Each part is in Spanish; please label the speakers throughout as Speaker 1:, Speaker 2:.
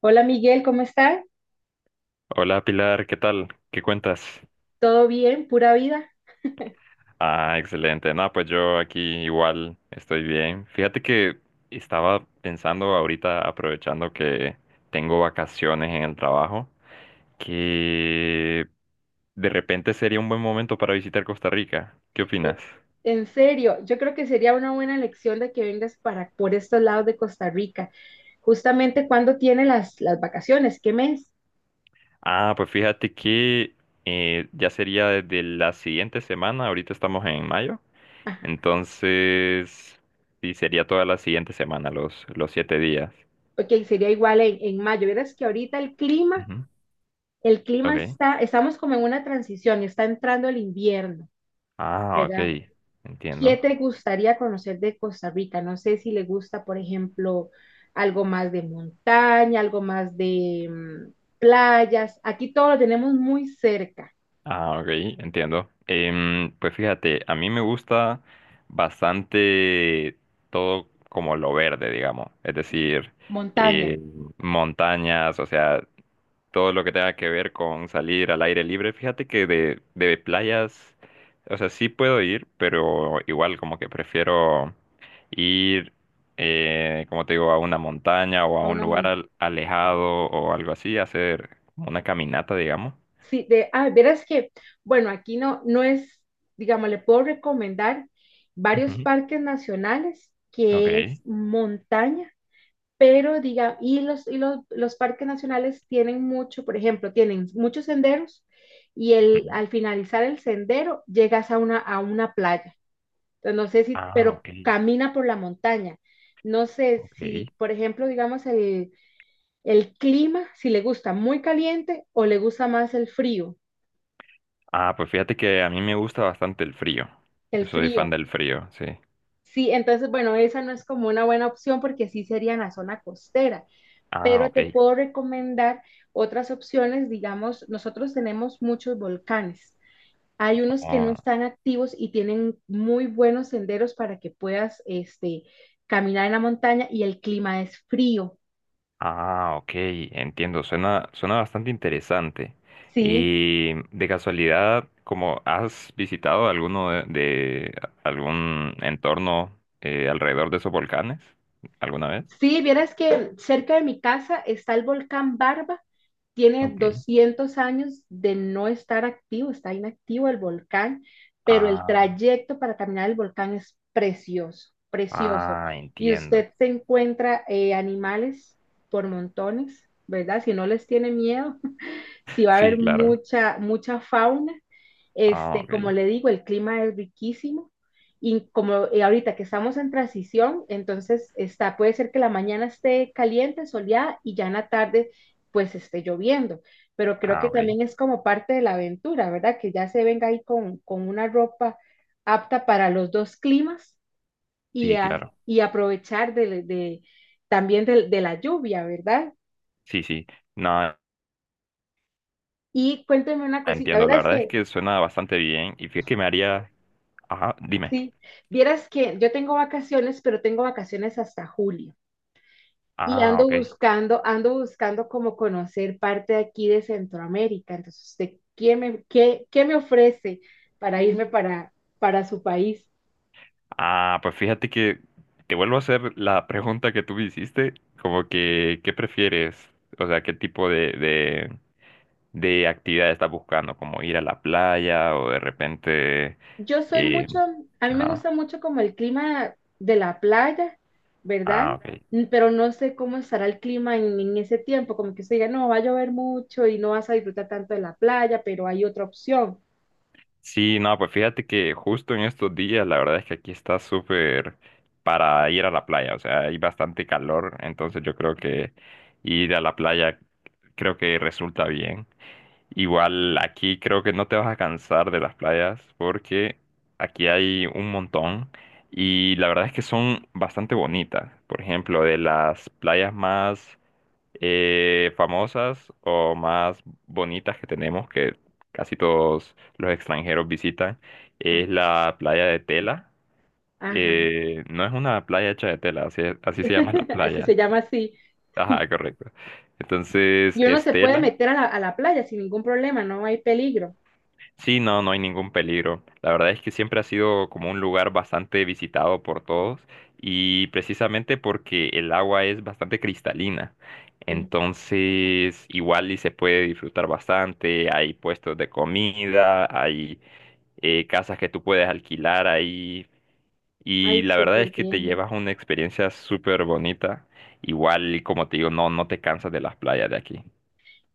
Speaker 1: Hola Miguel, ¿cómo estás?
Speaker 2: Hola Pilar, ¿qué tal? ¿Qué cuentas?
Speaker 1: ¿Todo bien? ¿Pura vida?
Speaker 2: Ah, excelente. No, pues yo aquí igual estoy bien. Fíjate que estaba pensando ahorita, aprovechando que tengo vacaciones en el trabajo, que de repente sería un buen momento para visitar Costa Rica. ¿Qué
Speaker 1: Eh,
Speaker 2: opinas?
Speaker 1: En serio, yo creo que sería una buena elección de que vengas para por estos lados de Costa Rica. Justamente cuando tiene las vacaciones, ¿qué mes?
Speaker 2: Ah, pues fíjate que ya sería desde la siguiente semana, ahorita estamos en mayo,
Speaker 1: Ajá.
Speaker 2: entonces sí sería toda la siguiente semana, los siete días.
Speaker 1: Ok, sería igual en, mayo. Verás que ahorita el clima,
Speaker 2: Ujú. Ok.
Speaker 1: estamos como en una transición, está entrando el invierno,
Speaker 2: Ah, ok.
Speaker 1: ¿verdad? ¿Qué
Speaker 2: Entiendo.
Speaker 1: te gustaría conocer de Costa Rica? No sé si le gusta, por ejemplo, algo más de montaña, algo más de playas. Aquí todo lo tenemos muy cerca.
Speaker 2: Ah, ok, entiendo. Pues fíjate, a mí me gusta bastante todo como lo verde, digamos. Es decir,
Speaker 1: Montaña.
Speaker 2: eh, montañas, o sea, todo lo que tenga que ver con salir al aire libre. Fíjate que de playas, o sea, sí puedo ir, pero igual como que prefiero ir, como te digo, a una montaña o a
Speaker 1: a
Speaker 2: un
Speaker 1: Una
Speaker 2: lugar
Speaker 1: mon-
Speaker 2: alejado o algo así, hacer como una caminata, digamos.
Speaker 1: sí, verás que, bueno, aquí no, no es, digamos, le puedo recomendar varios
Speaker 2: Ujú.
Speaker 1: parques nacionales que es
Speaker 2: Ok.
Speaker 1: montaña, pero diga, y los parques nacionales tienen mucho, por ejemplo, tienen muchos senderos y
Speaker 2: Ujú.
Speaker 1: el, al finalizar el sendero llegas a una playa. Entonces, no sé si,
Speaker 2: Ah,
Speaker 1: pero
Speaker 2: ok,
Speaker 1: camina por la montaña. No sé
Speaker 2: ok.
Speaker 1: si, por ejemplo, digamos, el clima, si le gusta muy caliente o le gusta más el frío,
Speaker 2: Ah, pues fíjate que a mí me gusta bastante el frío. Yo
Speaker 1: el
Speaker 2: soy
Speaker 1: frío.
Speaker 2: fan del frío, sí.
Speaker 1: Sí, entonces, bueno, esa no es como una buena opción porque sí sería en la zona costera,
Speaker 2: Ah,
Speaker 1: pero te
Speaker 2: ok.
Speaker 1: puedo recomendar otras opciones. Digamos, nosotros tenemos muchos volcanes. Hay unos que no están activos y tienen muy buenos senderos para que puedas este, caminar en la montaña y el clima es frío,
Speaker 2: Ah, ok, entiendo, suena, suena bastante interesante.
Speaker 1: ¿sí?
Speaker 2: Y de casualidad, ¿como has visitado alguno de algún entorno alrededor de esos volcanes alguna vez?
Speaker 1: Sí, vieras que cerca de mi casa está el volcán Barba. Tiene
Speaker 2: Ok.
Speaker 1: 200 años de no estar activo, está inactivo el volcán, pero el
Speaker 2: Ah,
Speaker 1: trayecto para caminar el volcán es precioso, precioso.
Speaker 2: ah,
Speaker 1: Y
Speaker 2: entiendo.
Speaker 1: usted se encuentra animales por montones, ¿verdad? Si no les tiene miedo, sí va a
Speaker 2: Sí,
Speaker 1: haber
Speaker 2: claro.
Speaker 1: mucha fauna.
Speaker 2: Ah,
Speaker 1: Este,
Speaker 2: ok.
Speaker 1: como le digo, el clima es riquísimo, y como ahorita que estamos en transición, entonces está, puede ser que la mañana esté caliente, soleada, y ya en la tarde pues esté lloviendo, pero creo
Speaker 2: Ah,
Speaker 1: que
Speaker 2: ok.
Speaker 1: también es como parte de la aventura, ¿verdad? Que ya se venga ahí con, una ropa apta para los dos climas y,
Speaker 2: Sí, claro.
Speaker 1: aprovechar de también de la lluvia, ¿verdad?
Speaker 2: Sí, sí. No,
Speaker 1: Y cuénteme una cosita,
Speaker 2: entiendo.
Speaker 1: ¿verdad?
Speaker 2: La
Speaker 1: Es
Speaker 2: verdad es
Speaker 1: que
Speaker 2: que suena bastante bien. Y fíjate que me haría. Ajá, dime.
Speaker 1: sí, vieras que yo tengo vacaciones, pero tengo vacaciones hasta julio. Y
Speaker 2: Ah, ok.
Speaker 1: ando buscando como conocer parte de aquí de Centroamérica. Entonces, ¿usted qué me ofrece para irme para, su país?
Speaker 2: Ah, pues fíjate que te vuelvo a hacer la pregunta que tú me hiciste, como que, ¿qué prefieres? O sea, ¿qué tipo de actividad estás buscando? ¿Como ir a la playa o de repente...
Speaker 1: Yo soy
Speaker 2: eh,
Speaker 1: mucho, a mí me
Speaker 2: ajá.
Speaker 1: gusta mucho como el clima de la playa, ¿verdad?
Speaker 2: Ah, ok.
Speaker 1: Pero no sé cómo estará el clima en, ese tiempo, como que usted diga, no, va a llover mucho y no vas a disfrutar tanto de la playa, pero hay otra opción.
Speaker 2: Sí, no, pues fíjate que justo en estos días la verdad es que aquí está súper para ir a la playa, o sea, hay bastante calor, entonces yo creo que ir a la playa creo que resulta bien. Igual aquí creo que no te vas a cansar de las playas porque aquí hay un montón y la verdad es que son bastante bonitas. Por ejemplo, de las playas más famosas o más bonitas que tenemos, que casi todos los extranjeros visitan, es la playa de Tela.
Speaker 1: Ajá,
Speaker 2: No es una playa hecha de tela, así, así se llama la
Speaker 1: así se
Speaker 2: playa.
Speaker 1: llama, así.
Speaker 2: Ajá, correcto. Entonces,
Speaker 1: Y uno
Speaker 2: es
Speaker 1: se puede
Speaker 2: Tela.
Speaker 1: meter a la playa sin ningún problema, no hay peligro.
Speaker 2: Sí, no, no hay ningún peligro. La verdad es que siempre ha sido como un lugar bastante visitado por todos y precisamente porque el agua es bastante cristalina. Entonces, igual y se puede disfrutar bastante. Hay puestos de comida, hay casas que tú puedes alquilar ahí y
Speaker 1: Ay,
Speaker 2: la verdad es
Speaker 1: súper
Speaker 2: que te
Speaker 1: bien.
Speaker 2: llevas una experiencia súper bonita. Igual, como te digo, no, no te cansas de las playas de aquí.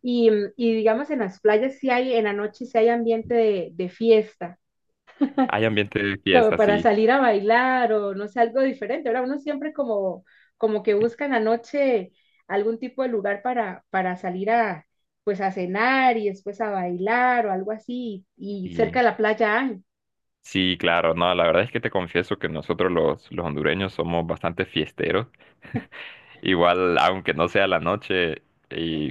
Speaker 1: Y, digamos, en las playas sí hay, en la noche sí hay ambiente de, fiesta,
Speaker 2: Hay ambiente de
Speaker 1: como
Speaker 2: fiesta,
Speaker 1: para
Speaker 2: sí.
Speaker 1: salir a bailar, o no sé, algo diferente. Ahora uno siempre como, que busca en la noche algún tipo de lugar para, salir a, pues a cenar y después a bailar, o algo así. Y cerca de la playa hay,
Speaker 2: Sí, claro, no, la verdad es que te confieso que nosotros los hondureños somos bastante fiesteros. Igual, aunque no sea la noche,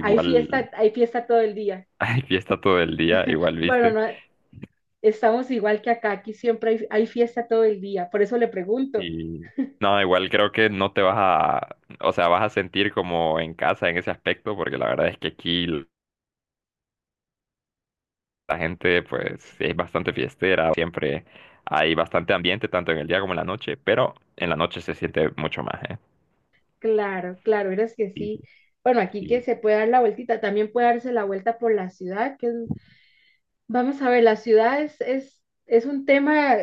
Speaker 1: hay fiesta, hay fiesta todo el día.
Speaker 2: hay fiesta todo el día, igual,
Speaker 1: Bueno,
Speaker 2: viste.
Speaker 1: no, estamos igual que acá, aquí siempre hay fiesta todo el día, por eso le pregunto.
Speaker 2: Y no, igual creo que no te vas a, o sea, vas a sentir como en casa en ese aspecto, porque la verdad es que aquí la gente, pues, es bastante fiestera, siempre hay bastante ambiente, tanto en el día como en la noche, pero en la noche se siente mucho más, ¿eh?
Speaker 1: Claro, claro, eres que
Speaker 2: Sí, sí,
Speaker 1: sí. Bueno, aquí que
Speaker 2: sí,
Speaker 1: se puede dar la vueltita, también puede darse la vuelta por la ciudad, que es... Vamos a ver, la ciudad es un tema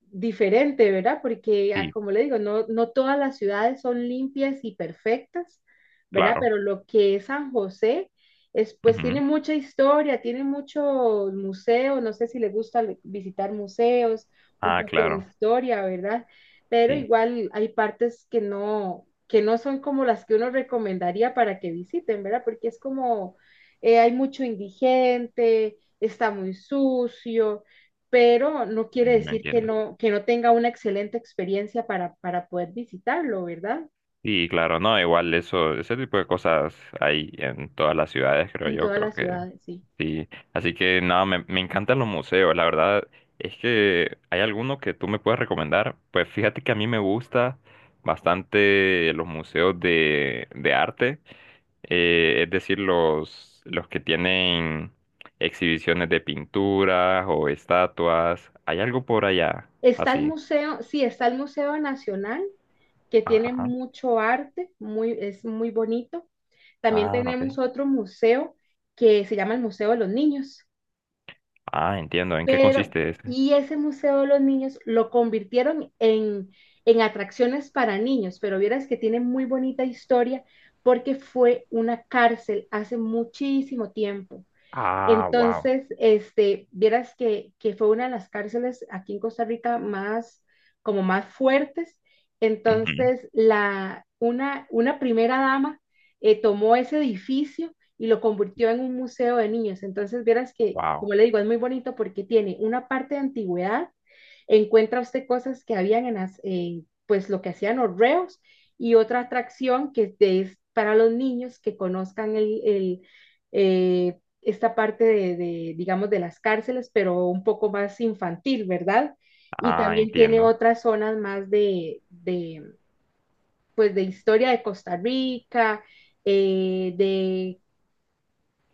Speaker 1: diferente, ¿verdad? Porque,
Speaker 2: sí,
Speaker 1: como le digo, no, no todas las ciudades son limpias y perfectas, ¿verdad?
Speaker 2: claro.
Speaker 1: Pero lo que es San José es, pues, tiene
Speaker 2: Ujú.
Speaker 1: mucha historia, tiene muchos museos, no sé si le gusta visitar museos, un
Speaker 2: Ah,
Speaker 1: poco de
Speaker 2: claro.
Speaker 1: historia, ¿verdad? Pero
Speaker 2: Sí,
Speaker 1: igual hay partes que no son como las que uno recomendaría para que visiten, ¿verdad? Porque es como, hay mucho indigente, está muy sucio, pero no quiere
Speaker 2: no
Speaker 1: decir
Speaker 2: entiendo.
Speaker 1: que no tenga una excelente experiencia para, poder visitarlo, ¿verdad?
Speaker 2: Y claro, no, igual eso, ese tipo de cosas hay en todas las ciudades, creo
Speaker 1: En
Speaker 2: yo,
Speaker 1: todas
Speaker 2: creo
Speaker 1: las
Speaker 2: que
Speaker 1: ciudades, sí.
Speaker 2: sí. Así que nada, me encantan los museos, la verdad es que hay alguno que tú me puedes recomendar. Pues fíjate que a mí me gusta bastante los museos de arte, es decir, los que tienen exhibiciones de pinturas o estatuas. ¿Hay algo por allá?
Speaker 1: Está el
Speaker 2: Así.
Speaker 1: museo, sí, está el Museo Nacional, que tiene
Speaker 2: Ajá.
Speaker 1: mucho arte, muy, es muy bonito. También
Speaker 2: Ah, ok.
Speaker 1: tenemos otro museo que se llama el Museo de los Niños.
Speaker 2: Ah, entiendo. ¿En qué
Speaker 1: Pero,
Speaker 2: consiste ese?
Speaker 1: y ese Museo de los Niños lo convirtieron en, atracciones para niños, pero vieras que tiene muy bonita historia porque fue una cárcel hace muchísimo tiempo.
Speaker 2: Ah, wow.
Speaker 1: Entonces, este, vieras que fue una de las cárceles aquí en Costa Rica más, como más fuertes.
Speaker 2: Ujú.
Speaker 1: Entonces, la, una primera dama tomó ese edificio y lo convirtió en un museo de niños. Entonces, vieras que,
Speaker 2: Wow.
Speaker 1: como le digo, es muy bonito porque tiene una parte de antigüedad, encuentra usted cosas que habían en las, pues lo que hacían los reos, y otra atracción que es es para los niños que conozcan eh, esta parte de digamos, de las cárceles, pero un poco más infantil, ¿verdad? Y
Speaker 2: Ah,
Speaker 1: también tiene
Speaker 2: entiendo.
Speaker 1: otras zonas más de pues, de historia de Costa Rica, de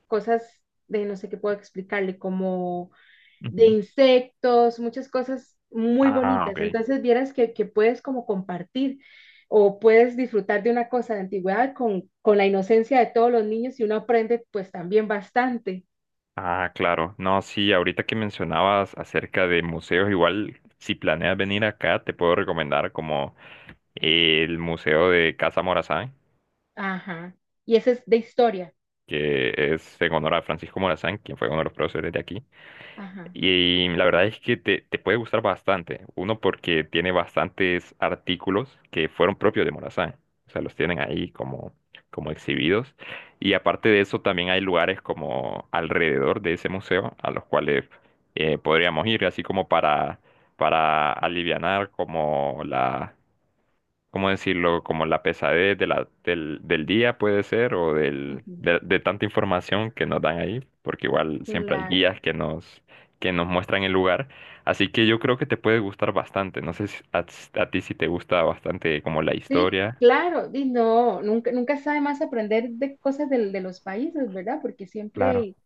Speaker 1: cosas de no sé qué puedo explicarle, como de
Speaker 2: Ujú.
Speaker 1: insectos, muchas cosas muy
Speaker 2: Ah, ok.
Speaker 1: bonitas. Entonces, vieras que puedes como compartir, o puedes disfrutar de una cosa de antigüedad con, la inocencia de todos los niños, y uno aprende pues también bastante.
Speaker 2: Ah, claro. No, sí, ahorita que mencionabas acerca de museos, igual si planeas venir acá, te puedo recomendar como el Museo de Casa Morazán,
Speaker 1: Ajá. Y ese es de historia.
Speaker 2: que es en honor a Francisco Morazán, quien fue uno de los próceres de aquí.
Speaker 1: Ajá.
Speaker 2: Y la verdad es que te puede gustar bastante. Uno, porque tiene bastantes artículos que fueron propios de Morazán. O sea, los tienen ahí como, como exhibidos. Y aparte de eso, también hay lugares como alrededor de ese museo a los cuales podríamos ir, así como para alivianar como la, ¿cómo decirlo? Como la pesadez de la, del día puede ser o del,
Speaker 1: Ujú.
Speaker 2: de tanta información que nos dan ahí, porque igual siempre hay
Speaker 1: Claro.
Speaker 2: guías que nos muestran el lugar. Así que yo creo que te puede gustar bastante. No sé si a, a ti si te gusta bastante como la
Speaker 1: Sí,
Speaker 2: historia.
Speaker 1: claro. Y no, nunca, nunca sabe más aprender de cosas de los países, ¿verdad? Porque
Speaker 2: Claro.
Speaker 1: siempre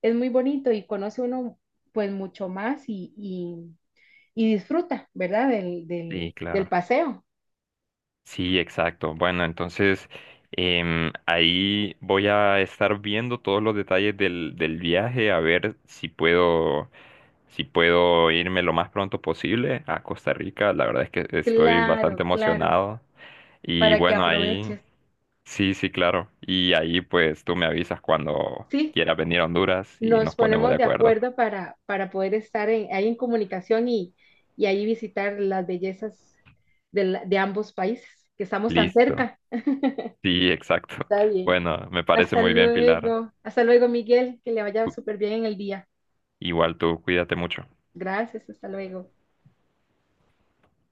Speaker 1: es muy bonito y conoce uno pues mucho más y disfruta, ¿verdad? Del, del,
Speaker 2: Sí,
Speaker 1: del
Speaker 2: claro.
Speaker 1: paseo.
Speaker 2: Sí, exacto. Bueno, entonces ahí voy a estar viendo todos los detalles del viaje, a ver si puedo. Si puedo irme lo más pronto posible a Costa Rica, la verdad es que estoy bastante
Speaker 1: Claro, claro.
Speaker 2: emocionado. Y
Speaker 1: Para que
Speaker 2: bueno, ahí,
Speaker 1: aproveches.
Speaker 2: sí, sí, claro. Y ahí pues tú me avisas cuando
Speaker 1: Sí,
Speaker 2: quieras venir a Honduras y
Speaker 1: nos
Speaker 2: nos ponemos de
Speaker 1: ponemos de
Speaker 2: acuerdo.
Speaker 1: acuerdo para, poder estar en, ahí en comunicación, y ahí visitar las bellezas de, de ambos países, que estamos tan
Speaker 2: Listo.
Speaker 1: cerca.
Speaker 2: Sí, exacto.
Speaker 1: Está bien.
Speaker 2: Bueno, me parece
Speaker 1: Hasta
Speaker 2: muy bien, Pilar.
Speaker 1: luego. Hasta luego, Miguel. Que le vaya
Speaker 2: Cu-
Speaker 1: súper bien en el día.
Speaker 2: Igual tú, cuídate mucho.
Speaker 1: Gracias. Hasta luego.